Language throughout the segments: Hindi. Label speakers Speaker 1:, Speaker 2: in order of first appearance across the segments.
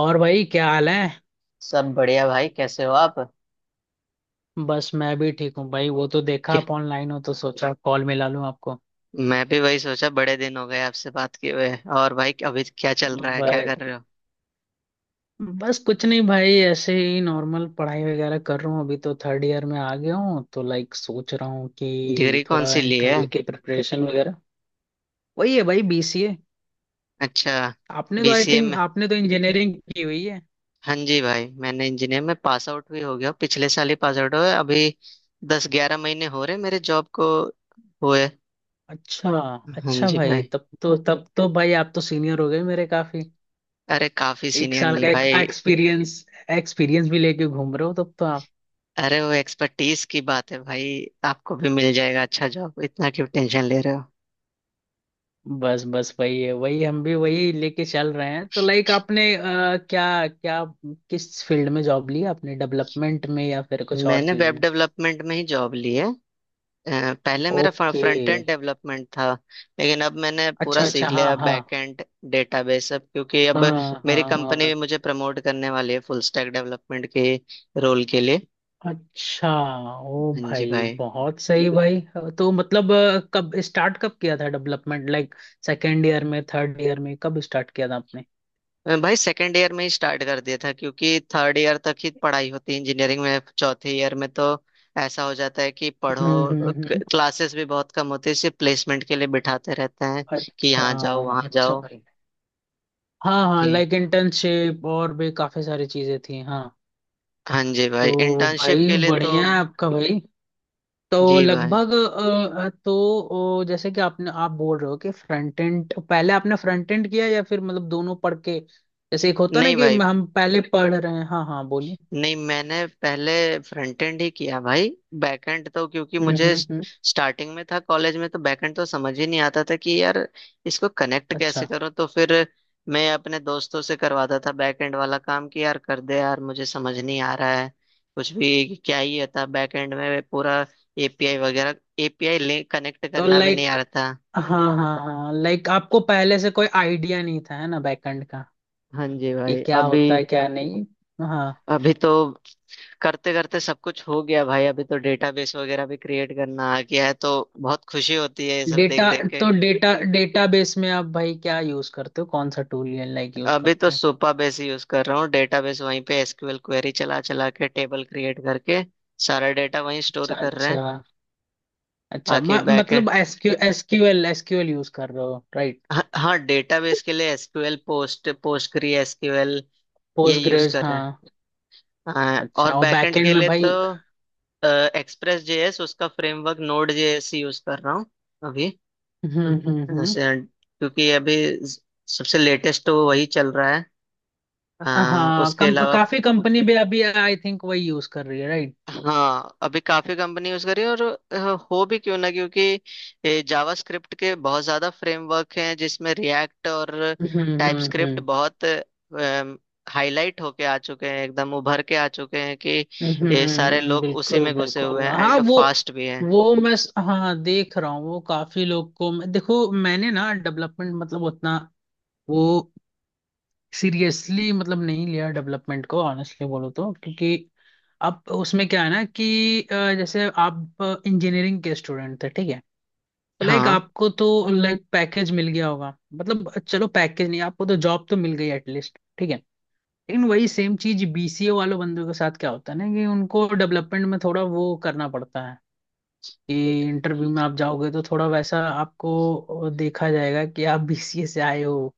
Speaker 1: और भाई क्या हाल है।
Speaker 2: सब बढ़िया भाई, कैसे हो आप?
Speaker 1: बस मैं भी ठीक हूँ भाई। वो तो देखा
Speaker 2: क्या-
Speaker 1: आप ऑनलाइन हो तो सोचा कॉल मिला लूँ आपको।
Speaker 2: मैं भी वही सोचा, बड़े दिन हो गए आपसे बात किए हुए। और भाई, अभी क्या चल रहा है, क्या
Speaker 1: बस
Speaker 2: कर रहे हो?
Speaker 1: बस कुछ नहीं भाई, ऐसे ही नॉर्मल पढ़ाई वगैरह कर रहा हूँ। अभी तो थर्ड ईयर में आ गया हूँ तो लाइक सोच रहा हूँ
Speaker 2: डिग्री
Speaker 1: कि
Speaker 2: कौन
Speaker 1: थोड़ा
Speaker 2: सी ली है?
Speaker 1: इंटरव्यू की प्रिपरेशन वगैरह। वही है भाई, बीसीए।
Speaker 2: अच्छा,
Speaker 1: आपने तो आई
Speaker 2: बीसीए
Speaker 1: थिंक
Speaker 2: में।
Speaker 1: आपने तो इंजीनियरिंग की हुई है।
Speaker 2: हाँ जी भाई, मैंने इंजीनियर में पास आउट भी हो गया हूँ। पिछले साल ही पास आउट हुए अभी। दस ग्यारह महीने हो रहे मेरे जॉब को हुए।
Speaker 1: अच्छा।
Speaker 2: हाँ
Speaker 1: अच्छा
Speaker 2: जी
Speaker 1: भाई,
Speaker 2: भाई।
Speaker 1: तब तो भाई आप तो सीनियर हो गए मेरे काफी।
Speaker 2: अरे काफी
Speaker 1: एक
Speaker 2: सीनियर
Speaker 1: साल
Speaker 2: नहीं
Speaker 1: का एक
Speaker 2: भाई।
Speaker 1: एक्सपीरियंस एक्सपीरियंस भी लेके घूम रहे हो तब तो।
Speaker 2: अरे वो एक्सपर्टीज की बात है भाई। आपको भी मिल जाएगा अच्छा जॉब, इतना क्यों टेंशन ले रहे हो?
Speaker 1: बस बस वही है, वही हम भी वही लेके चल रहे हैं। तो लाइक आपने क्या क्या किस फील्ड में जॉब ली आपने? डेवलपमेंट में या फिर कुछ और
Speaker 2: मैंने
Speaker 1: चीज
Speaker 2: वेब
Speaker 1: में?
Speaker 2: डेवलपमेंट में ही जॉब ली है। पहले मेरा
Speaker 1: ओके।
Speaker 2: फ्रंट एंड डेवलपमेंट था। लेकिन अब मैंने पूरा
Speaker 1: अच्छा अच्छा,
Speaker 2: सीख
Speaker 1: हाँ
Speaker 2: लिया
Speaker 1: हाँ।
Speaker 2: Back end, database. अब क्योंकि अब
Speaker 1: हाँ
Speaker 2: मेरी कंपनी भी
Speaker 1: हाँ।
Speaker 2: मुझे प्रमोट करने वाली है फुल स्टैक डेवलपमेंट के रोल के लिए।
Speaker 1: अच्छा। ओ
Speaker 2: हाँ जी
Speaker 1: भाई,
Speaker 2: भाई।
Speaker 1: बहुत सही भाई। तो मतलब कब किया था डेवलपमेंट, लाइक सेकेंड ईयर में, थर्ड ईयर में, कब स्टार्ट किया था आपने?
Speaker 2: भाई सेकेंड ईयर में ही स्टार्ट कर दिया था, क्योंकि थर्ड ईयर तक ही पढ़ाई होती है इंजीनियरिंग में। चौथे ईयर में तो ऐसा हो जाता है कि
Speaker 1: हम्म, हम्म,
Speaker 2: पढ़ो, क्लासेस भी बहुत कम होती है, सिर्फ प्लेसमेंट के लिए बिठाते रहते हैं कि
Speaker 1: अच्छा।
Speaker 2: यहाँ जाओ वहाँ
Speaker 1: अच्छा
Speaker 2: जाओ।
Speaker 1: भाई, हाँ हाँ,
Speaker 2: जी।
Speaker 1: लाइक इंटर्नशिप और भी काफी सारी चीजें थी, हाँ।
Speaker 2: हाँ जी भाई,
Speaker 1: तो
Speaker 2: इंटर्नशिप
Speaker 1: भाई
Speaker 2: के लिए तो।
Speaker 1: बढ़िया है आपका भाई। तो
Speaker 2: जी भाई।
Speaker 1: लगभग जैसे कि आपने आप बोल रहे हो कि फ्रंट एंड, पहले आपने फ्रंट एंड किया या फिर मतलब दोनों पढ़ के? जैसे एक होता ना
Speaker 2: नहीं
Speaker 1: कि
Speaker 2: भाई,
Speaker 1: हम पहले पढ़ रहे हैं, हाँ हाँ बोलिए।
Speaker 2: नहीं, मैंने पहले फ्रंट एंड ही किया भाई। बैक एंड तो क्योंकि
Speaker 1: हम्म,
Speaker 2: मुझे
Speaker 1: हम्म, हम्म।
Speaker 2: स्टार्टिंग में था कॉलेज में, तो बैक एंड तो समझ ही नहीं आता था कि यार इसको कनेक्ट कैसे
Speaker 1: अच्छा।
Speaker 2: करूं। तो फिर मैं अपने दोस्तों से करवाता था बैक एंड वाला काम, कि यार कर दे यार, मुझे समझ नहीं आ रहा है कुछ भी। क्या ही होता बैक एंड में पूरा एपीआई वगैरह। एपीआई लिंक कनेक्ट
Speaker 1: तो
Speaker 2: करना भी नहीं आ
Speaker 1: लाइक
Speaker 2: रहा था।
Speaker 1: हाँ हाँ। हाँ लाइक आपको पहले से कोई आइडिया नहीं था है ना, बैकएंड का
Speaker 2: हाँ जी
Speaker 1: कि
Speaker 2: भाई।
Speaker 1: क्या
Speaker 2: अभी
Speaker 1: होता है क्या नहीं? हाँ।
Speaker 2: अभी तो करते करते सब कुछ हो गया भाई। अभी तो डेटाबेस वगैरह भी क्रिएट करना आ गया है, तो बहुत खुशी होती है ये सब देख
Speaker 1: डेटा
Speaker 2: देख के।
Speaker 1: तो डेटाबेस में आप भाई क्या यूज करते हो, कौन सा टूल लाइक यूज
Speaker 2: अभी तो
Speaker 1: करते हो?
Speaker 2: सुपा बेस यूज कर रहा हूँ डेटाबेस, वहीं पे एसक्यूएल क्वेरी चला चला के टेबल क्रिएट करके सारा डेटा वहीं स्टोर
Speaker 1: अच्छा
Speaker 2: कर रहे हैं।
Speaker 1: अच्छा अच्छा।
Speaker 2: बाकी बैकएंड।
Speaker 1: मतलब एसक्यूएल यूज कर रहे हो, राइट?
Speaker 2: हाँ हाँ, डेटाबेस के लिए एसक्यूएल, पोस्टग्री एसक्यूएल ये यूज
Speaker 1: पोस्टग्रेस,
Speaker 2: कर
Speaker 1: हाँ।
Speaker 2: रहे हैं। हाँ, और
Speaker 1: अच्छा, और
Speaker 2: बैकएंड
Speaker 1: बैकएंड
Speaker 2: के
Speaker 1: में
Speaker 2: लिए
Speaker 1: भाई?
Speaker 2: तो एक्सप्रेस जेएस, उसका फ्रेमवर्क नोड जेएस यूज कर रहा हूँ अभी।
Speaker 1: हम्म, हम्म,
Speaker 2: हाँ,
Speaker 1: हम्म।
Speaker 2: सर, क्योंकि अभी ज- सबसे लेटेस्ट तो वही चल रहा है।
Speaker 1: हाँ,
Speaker 2: उसके अलावा
Speaker 1: काफी कंपनी भी अभी आई थिंक वही यूज कर रही है, राइट?
Speaker 2: हाँ, अभी काफी कंपनी यूज कर रही है। और अ, हो भी क्यों ना, क्योंकि जावास्क्रिप्ट के बहुत ज्यादा फ्रेमवर्क हैं जिसमें रिएक्ट और
Speaker 1: हम्म, हम्म,
Speaker 2: टाइपस्क्रिप्ट
Speaker 1: हम्म,
Speaker 2: बहुत हाईलाइट होके आ चुके हैं, एकदम उभर के आ चुके हैं कि
Speaker 1: हम्म,
Speaker 2: ये सारे लोग उसी
Speaker 1: बिल्कुल
Speaker 2: में घुसे हुए
Speaker 1: बिल्कुल,
Speaker 2: हैं
Speaker 1: हाँ।
Speaker 2: एंड
Speaker 1: वो
Speaker 2: फास्ट भी हैं।
Speaker 1: हाँ, देख रहा हूँ वो, काफी लोग को देखो, मैंने ना डेवलपमेंट मतलब उतना वो सीरियसली मतलब नहीं लिया डेवलपमेंट को, ऑनेस्टली बोलो तो। क्योंकि अब उसमें क्या है ना कि जैसे आप इंजीनियरिंग के स्टूडेंट थे, ठीक है। तो लाइक
Speaker 2: हाँ,
Speaker 1: आपको तो लाइक पैकेज मिल गया होगा, मतलब चलो पैकेज नहीं, आपको तो जॉब तो मिल गई एटलीस्ट, ठीक है। लेकिन वही सेम चीज बीसीए वालों बंदों के साथ क्या होता है ना कि उनको डेवलपमेंट में थोड़ा वो करना पड़ता है कि इंटरव्यू में आप जाओगे तो थोड़ा वैसा आपको देखा जाएगा कि आप बीसीए से आए हो।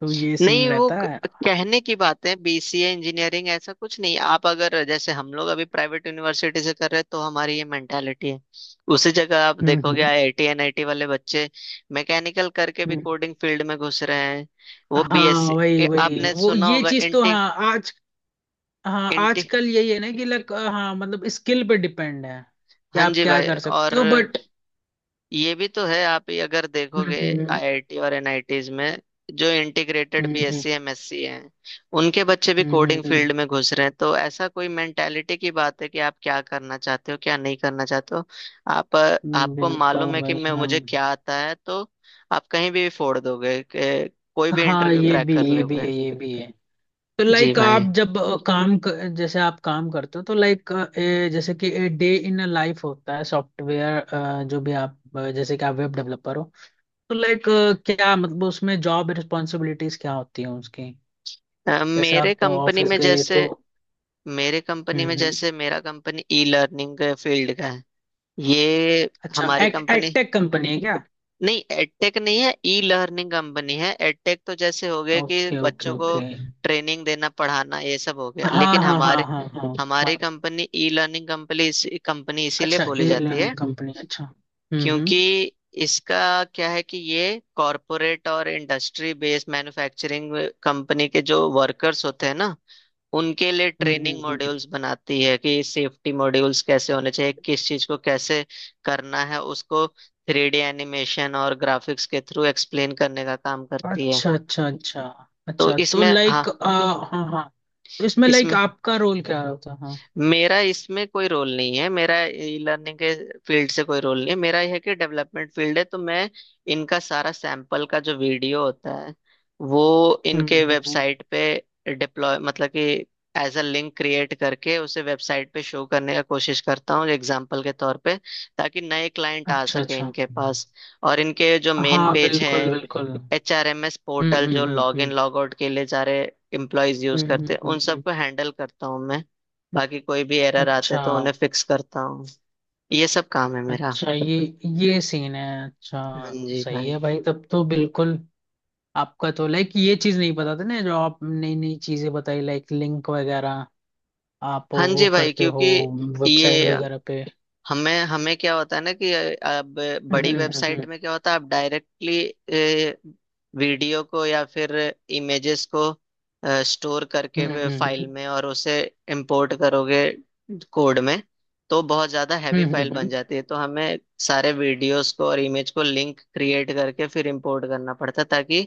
Speaker 1: तो ये सीन
Speaker 2: नहीं
Speaker 1: रहता है।
Speaker 2: कहने की बात है, बीसीए इंजीनियरिंग ऐसा कुछ नहीं। आप अगर जैसे हम लोग अभी प्राइवेट यूनिवर्सिटी से कर रहे हैं तो हमारी ये मेंटालिटी है। उसी जगह आप देखोगे
Speaker 1: हम्म।
Speaker 2: आईआईटी एनआईटी वाले बच्चे मैकेनिकल करके भी
Speaker 1: हम्म।
Speaker 2: कोडिंग फील्ड में घुस रहे हैं। वो
Speaker 1: हाँ
Speaker 2: बीएससी,
Speaker 1: वही वही
Speaker 2: आपने
Speaker 1: वो
Speaker 2: सुना
Speaker 1: ये
Speaker 2: होगा
Speaker 1: चीज तो,
Speaker 2: इंटी,
Speaker 1: हाँ आज, हाँ
Speaker 2: इंटी।
Speaker 1: आजकल यही है ना कि लग हाँ, मतलब स्किल पे डिपेंड है कि
Speaker 2: हाँ
Speaker 1: आप
Speaker 2: जी
Speaker 1: क्या
Speaker 2: भाई,
Speaker 1: कर सकते
Speaker 2: और
Speaker 1: हो, बट
Speaker 2: ये भी तो है, आप ही अगर देखोगे
Speaker 1: हम्म,
Speaker 2: आईआईटी और एनआईटीज में जो इंटीग्रेटेड
Speaker 1: हम्म,
Speaker 2: बीएससी एमएससी हैं, उनके बच्चे भी कोडिंग
Speaker 1: हम्म,
Speaker 2: फील्ड में घुस रहे हैं। तो ऐसा कोई मेंटेलिटी की बात है कि आप क्या करना चाहते हो क्या नहीं करना चाहते हो। आप आपको
Speaker 1: बिल्कुल
Speaker 2: मालूम है कि
Speaker 1: भाई,
Speaker 2: मैं
Speaker 1: हाँ।
Speaker 2: मुझे क्या आता है, तो आप कहीं भी फोड़ दोगे, कोई भी
Speaker 1: हाँ,
Speaker 2: इंटरव्यू क्रैक कर
Speaker 1: ये भी है,
Speaker 2: लोगे।
Speaker 1: ये भी है। तो
Speaker 2: जी
Speaker 1: लाइक
Speaker 2: भाई।
Speaker 1: आप जब जैसे आप काम करते हो तो लाइक, जैसे कि डे इन अ लाइफ होता है सॉफ्टवेयर, जो भी आप जैसे कि आप वेब डेवलपर हो, तो लाइक क्या मतलब उसमें जॉब रिस्पॉन्सिबिलिटीज क्या होती हैं उसकी?
Speaker 2: अ,
Speaker 1: जैसे
Speaker 2: मेरे
Speaker 1: आप
Speaker 2: कंपनी
Speaker 1: ऑफिस
Speaker 2: में
Speaker 1: गए
Speaker 2: जैसे
Speaker 1: तो?
Speaker 2: मेरे कंपनी
Speaker 1: हम्म,
Speaker 2: में
Speaker 1: हम्म।
Speaker 2: जैसे मेरा कंपनी ई लर्निंग फील्ड का है। ये
Speaker 1: अच्छा,
Speaker 2: हमारी
Speaker 1: एड
Speaker 2: कंपनी,
Speaker 1: एडटेक कंपनी है क्या?
Speaker 2: नहीं एडटेक नहीं है, ई लर्निंग कंपनी है। एडटेक तो जैसे हो गया कि
Speaker 1: ओके ओके
Speaker 2: बच्चों को
Speaker 1: ओके।
Speaker 2: ट्रेनिंग देना, पढ़ाना, ये सब हो गया।
Speaker 1: हाँ
Speaker 2: लेकिन
Speaker 1: हाँ हाँ,
Speaker 2: हमारे,
Speaker 1: हाँ हाँ
Speaker 2: हमारी
Speaker 1: हाँ।
Speaker 2: कंपनी ई लर्निंग कंपनी, इसीलिए
Speaker 1: अच्छा,
Speaker 2: बोली
Speaker 1: ए
Speaker 2: जाती
Speaker 1: लर्निंग
Speaker 2: है
Speaker 1: कंपनी, अच्छा, हम्म, हम्म,
Speaker 2: क्योंकि इसका क्या है कि ये कॉरपोरेट और इंडस्ट्री बेस्ड मैन्युफैक्चरिंग कंपनी के जो वर्कर्स होते हैं ना, उनके लिए
Speaker 1: हम्म, हम्म,
Speaker 2: ट्रेनिंग
Speaker 1: हम्म,
Speaker 2: मॉड्यूल्स बनाती है कि सेफ्टी मॉड्यूल्स कैसे होने चाहिए, किस चीज को कैसे करना है, उसको थ्री डी एनिमेशन और ग्राफिक्स के थ्रू एक्सप्लेन करने का काम करती है।
Speaker 1: अच्छा अच्छा अच्छा।
Speaker 2: तो
Speaker 1: अच्छा, तो
Speaker 2: इसमें हाँ,
Speaker 1: लाइक हाँ हाँ, तो इसमें लाइक
Speaker 2: इसमें
Speaker 1: आपका रोल क्या होता है? हाँ।
Speaker 2: मेरा इसमें कोई रोल नहीं है। मेरा ई लर्निंग के फील्ड से कोई रोल नहीं है। मेरा यह है कि डेवलपमेंट फील्ड है, तो मैं इनका सारा सैंपल का जो वीडियो होता है वो
Speaker 1: हम्म,
Speaker 2: इनके
Speaker 1: हम्म,
Speaker 2: वेबसाइट पे डिप्लॉय, मतलब कि एज अ लिंक क्रिएट करके उसे वेबसाइट पे शो करने का कोशिश करता हूँ एग्जाम्पल के तौर पे, ताकि नए क्लाइंट आ
Speaker 1: अच्छा
Speaker 2: सके
Speaker 1: अच्छा,
Speaker 2: इनके पास। और इनके जो मेन
Speaker 1: हाँ
Speaker 2: पेज
Speaker 1: बिल्कुल
Speaker 2: हैं,
Speaker 1: बिल्कुल।
Speaker 2: एच आर एम एस
Speaker 1: हम्म,
Speaker 2: पोर्टल जो
Speaker 1: हम्म, हम्म,
Speaker 2: लॉग इन
Speaker 1: हम्म,
Speaker 2: लॉग आउट के लिए सारे एम्प्लॉयज यूज
Speaker 1: हम्म,
Speaker 2: करते
Speaker 1: हम्म,
Speaker 2: हैं, उन सबको हैंडल करता हूँ मैं। बाकी कोई भी एरर आते
Speaker 1: अच्छा
Speaker 2: हैं तो उन्हें फिक्स करता हूँ। ये सब काम है मेरा।
Speaker 1: अच्छा, ये सीन है,
Speaker 2: हाँ
Speaker 1: अच्छा।
Speaker 2: जी
Speaker 1: सही
Speaker 2: भाई।
Speaker 1: है भाई, तब तो बिल्कुल। आपका तो लाइक ये चीज नहीं पता था ना, जो आप नई नई चीजें बताई लाइक लिंक वगैरह, आप
Speaker 2: हाँ
Speaker 1: वो
Speaker 2: जी भाई,
Speaker 1: करते हो
Speaker 2: क्योंकि
Speaker 1: वेबसाइट
Speaker 2: ये
Speaker 1: वगैरह पे?
Speaker 2: हमें हमें क्या होता है ना कि अब बड़ी
Speaker 1: हम्म,
Speaker 2: वेबसाइट
Speaker 1: हम्म,
Speaker 2: में क्या होता है, आप डायरेक्टली वीडियो को या फिर इमेजेस को स्टोर करके
Speaker 1: हम्म,
Speaker 2: वे फाइल
Speaker 1: हम्म,
Speaker 2: में और उसे इंपोर्ट करोगे कोड में, तो बहुत ज़्यादा हैवी
Speaker 1: हम्म,
Speaker 2: फाइल बन जाती है। तो हमें सारे वीडियोस को और इमेज को लिंक क्रिएट करके फिर इंपोर्ट करना पड़ता है, ताकि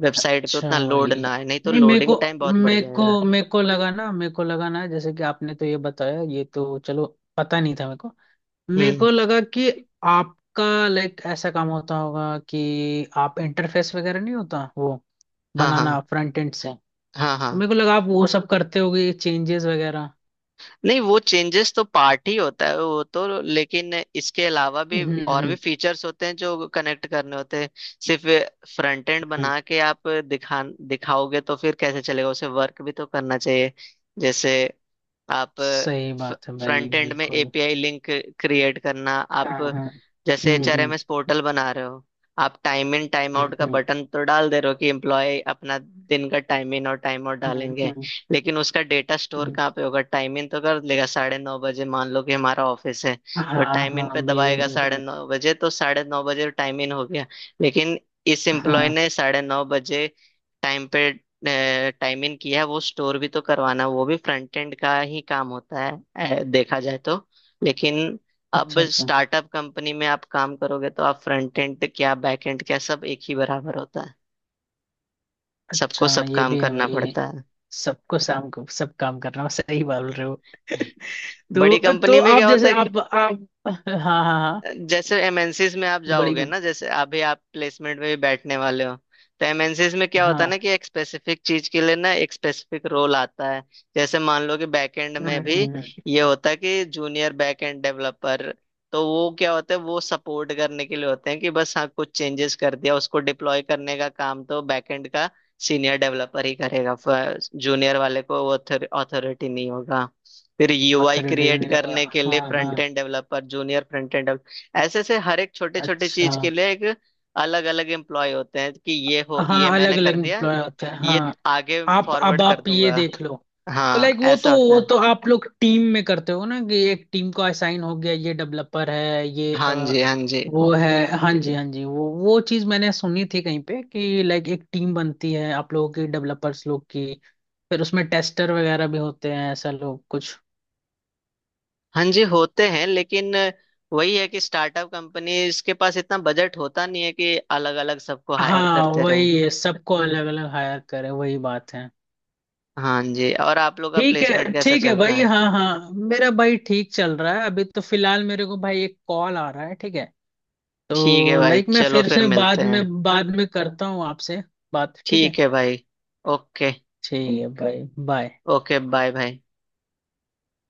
Speaker 2: वेबसाइट पे
Speaker 1: अच्छा
Speaker 2: उतना लोड
Speaker 1: भाई,
Speaker 2: ना आए, नहीं तो
Speaker 1: नहीं मेरे को
Speaker 2: लोडिंग टाइम बहुत बढ़
Speaker 1: मेरे को
Speaker 2: जाएगा।
Speaker 1: मेरे को लगा ना, मेरे को लगा ना, जैसे कि आपने तो ये बताया, ये तो चलो पता नहीं था मेरे को। मेरे
Speaker 2: हम्म।
Speaker 1: को लगा कि आपका लाइक ऐसा काम होता होगा कि आप इंटरफेस वगैरह नहीं होता वो
Speaker 2: हाँ हाँ
Speaker 1: बनाना फ्रंट एंड से।
Speaker 2: हाँ हाँ,
Speaker 1: तो मेरे को लगा आप वो सब करते होगे, चेंजेस वगैरह।
Speaker 2: नहीं वो चेंजेस तो पार्ट ही होता है वो तो, लेकिन इसके अलावा भी
Speaker 1: हम्म,
Speaker 2: और भी
Speaker 1: हम्म,
Speaker 2: फीचर्स होते हैं जो कनेक्ट करने होते हैं। सिर्फ फ्रंट एंड
Speaker 1: हम्म,
Speaker 2: बना के आप दिखा दिखाओगे तो फिर कैसे चलेगा, उसे वर्क भी तो करना चाहिए। जैसे आप
Speaker 1: सही बात है भाई
Speaker 2: फ्रंट एंड में
Speaker 1: बिल्कुल।
Speaker 2: एपीआई लिंक क्रिएट करना,
Speaker 1: हाँ
Speaker 2: आप
Speaker 1: हाँ।
Speaker 2: जैसे
Speaker 1: हम्म, हम्म,
Speaker 2: एचआरएमएस पोर्टल बना रहे हो, आप टाइम इन टाइम आउट का
Speaker 1: हम्म,
Speaker 2: बटन तो डाल दे रहे हो कि एम्प्लॉय अपना दिन का टाइम इन और टाइम आउट
Speaker 1: हम्म,
Speaker 2: डालेंगे। लेकिन उसका डेटा स्टोर
Speaker 1: हम्म,
Speaker 2: कहाँ पे होगा? टाइम इन तो कर लेगा साढ़े नौ बजे, मान लो कि हमारा ऑफिस है,
Speaker 1: हाँ
Speaker 2: तो टाइम इन पे
Speaker 1: हाँ, बिल्कुल
Speaker 2: दबाएगा साढ़े
Speaker 1: बिल्कुल।
Speaker 2: नौ बजे, तो साढ़े नौ बजे टाइम इन हो गया। लेकिन इस एम्प्लॉय
Speaker 1: हाँ।
Speaker 2: ने साढ़े नौ बजे टाइम पे टाइम इन किया है, वो स्टोर भी तो करवाना, वो भी फ्रंट एंड का ही काम होता है देखा जाए तो। लेकिन अब
Speaker 1: अच्छा अच्छा,
Speaker 2: स्टार्टअप कंपनी में आप काम करोगे तो आप फ्रंट एंड क्या बैक एंड क्या, सब एक ही बराबर होता है, सबको
Speaker 1: अच्छा
Speaker 2: सब
Speaker 1: ये
Speaker 2: काम
Speaker 1: भी है
Speaker 2: करना
Speaker 1: भाई।
Speaker 2: पड़ता है।
Speaker 1: सबको शाम को सब काम करना हो, सही बोल रहे हो।
Speaker 2: बड़ी
Speaker 1: तो
Speaker 2: कंपनी में
Speaker 1: आप
Speaker 2: क्या होता
Speaker 1: जैसे
Speaker 2: है,
Speaker 1: आप हाँ हाँ हाँ।
Speaker 2: जैसे एमएनसीज में आप
Speaker 1: बड़ी
Speaker 2: जाओगे
Speaker 1: कंप-
Speaker 2: ना, जैसे अभी आप प्लेसमेंट में भी बैठने वाले हो, तो एमएनसीज में क्या होता है ना
Speaker 1: हाँ,
Speaker 2: कि एक स्पेसिफिक चीज के लिए ना एक स्पेसिफिक रोल आता है। जैसे मान लो कि बैकएंड में भी ये होता है कि जूनियर बैकएंड डेवलपर, तो वो क्या होता है, वो सपोर्ट करने के लिए होते हैं कि बस हाँ कुछ चेंजेस कर दिया, उसको डिप्लॉय करने का काम तो बैकएंड का सीनियर डेवलपर ही करेगा, जूनियर वाले को वो अथॉरिटी नहीं होगा। फिर यूआई
Speaker 1: ऑथर रेडिंग
Speaker 2: क्रिएट
Speaker 1: नहीं होगा,
Speaker 2: करने के लिए
Speaker 1: हाँ
Speaker 2: फ्रंट
Speaker 1: हाँ।
Speaker 2: End developer, junior front end. ऐसे ऐसे हर एक छोटे छोटे
Speaker 1: अच्छा,
Speaker 2: चीज के लिए एक अलग अलग एम्प्लॉय होते हैं कि ये हो, ये
Speaker 1: हाँ, अलग
Speaker 2: मैंने कर
Speaker 1: अलग
Speaker 2: दिया,
Speaker 1: एम्प्लॉय होते हैं
Speaker 2: ये
Speaker 1: हाँ।
Speaker 2: आगे
Speaker 1: आप, अब
Speaker 2: फॉरवर्ड कर
Speaker 1: आप ये
Speaker 2: दूंगा।
Speaker 1: देख लो। तो
Speaker 2: हाँ,
Speaker 1: लाइक वो तो
Speaker 2: ऐसा होता
Speaker 1: वो
Speaker 2: है।
Speaker 1: तो आप लोग टीम में करते हो ना कि एक टीम को असाइन हो गया, ये डेवलपर है, ये
Speaker 2: हाँ जी। हाँ जी।
Speaker 1: वो है। हाँ जी, हाँ जी, वो चीज मैंने सुनी थी कहीं पे कि लाइक एक टीम बनती है आप लोगों की, डेवलपर्स लोग की। फिर उसमें टेस्टर वगैरह भी होते हैं ऐसा लोग कुछ।
Speaker 2: हाँ जी होते हैं, लेकिन वही है कि स्टार्टअप कंपनीज के पास इतना बजट होता नहीं है कि अलग अलग सबको हायर
Speaker 1: हाँ
Speaker 2: करते रहें।
Speaker 1: वही है, सबको अलग अलग हायर करें, वही बात है।
Speaker 2: हाँ जी, और आप लोग का
Speaker 1: ठीक
Speaker 2: प्लेसमेंट
Speaker 1: है
Speaker 2: कैसा
Speaker 1: ठीक है
Speaker 2: चल रहा
Speaker 1: भाई,
Speaker 2: है?
Speaker 1: हाँ हाँ, मेरा भाई ठीक चल रहा है। अभी तो फिलहाल मेरे को भाई एक कॉल आ रहा है, ठीक है।
Speaker 2: ठीक है
Speaker 1: तो
Speaker 2: भाई,
Speaker 1: लाइक मैं
Speaker 2: चलो
Speaker 1: फिर
Speaker 2: फिर
Speaker 1: से
Speaker 2: मिलते हैं।
Speaker 1: बाद में करता हूँ आपसे बात, ठीक है।
Speaker 2: ठीक है भाई। ओके।
Speaker 1: ठीक है भाई, बाय।
Speaker 2: ओके, बाय भाई।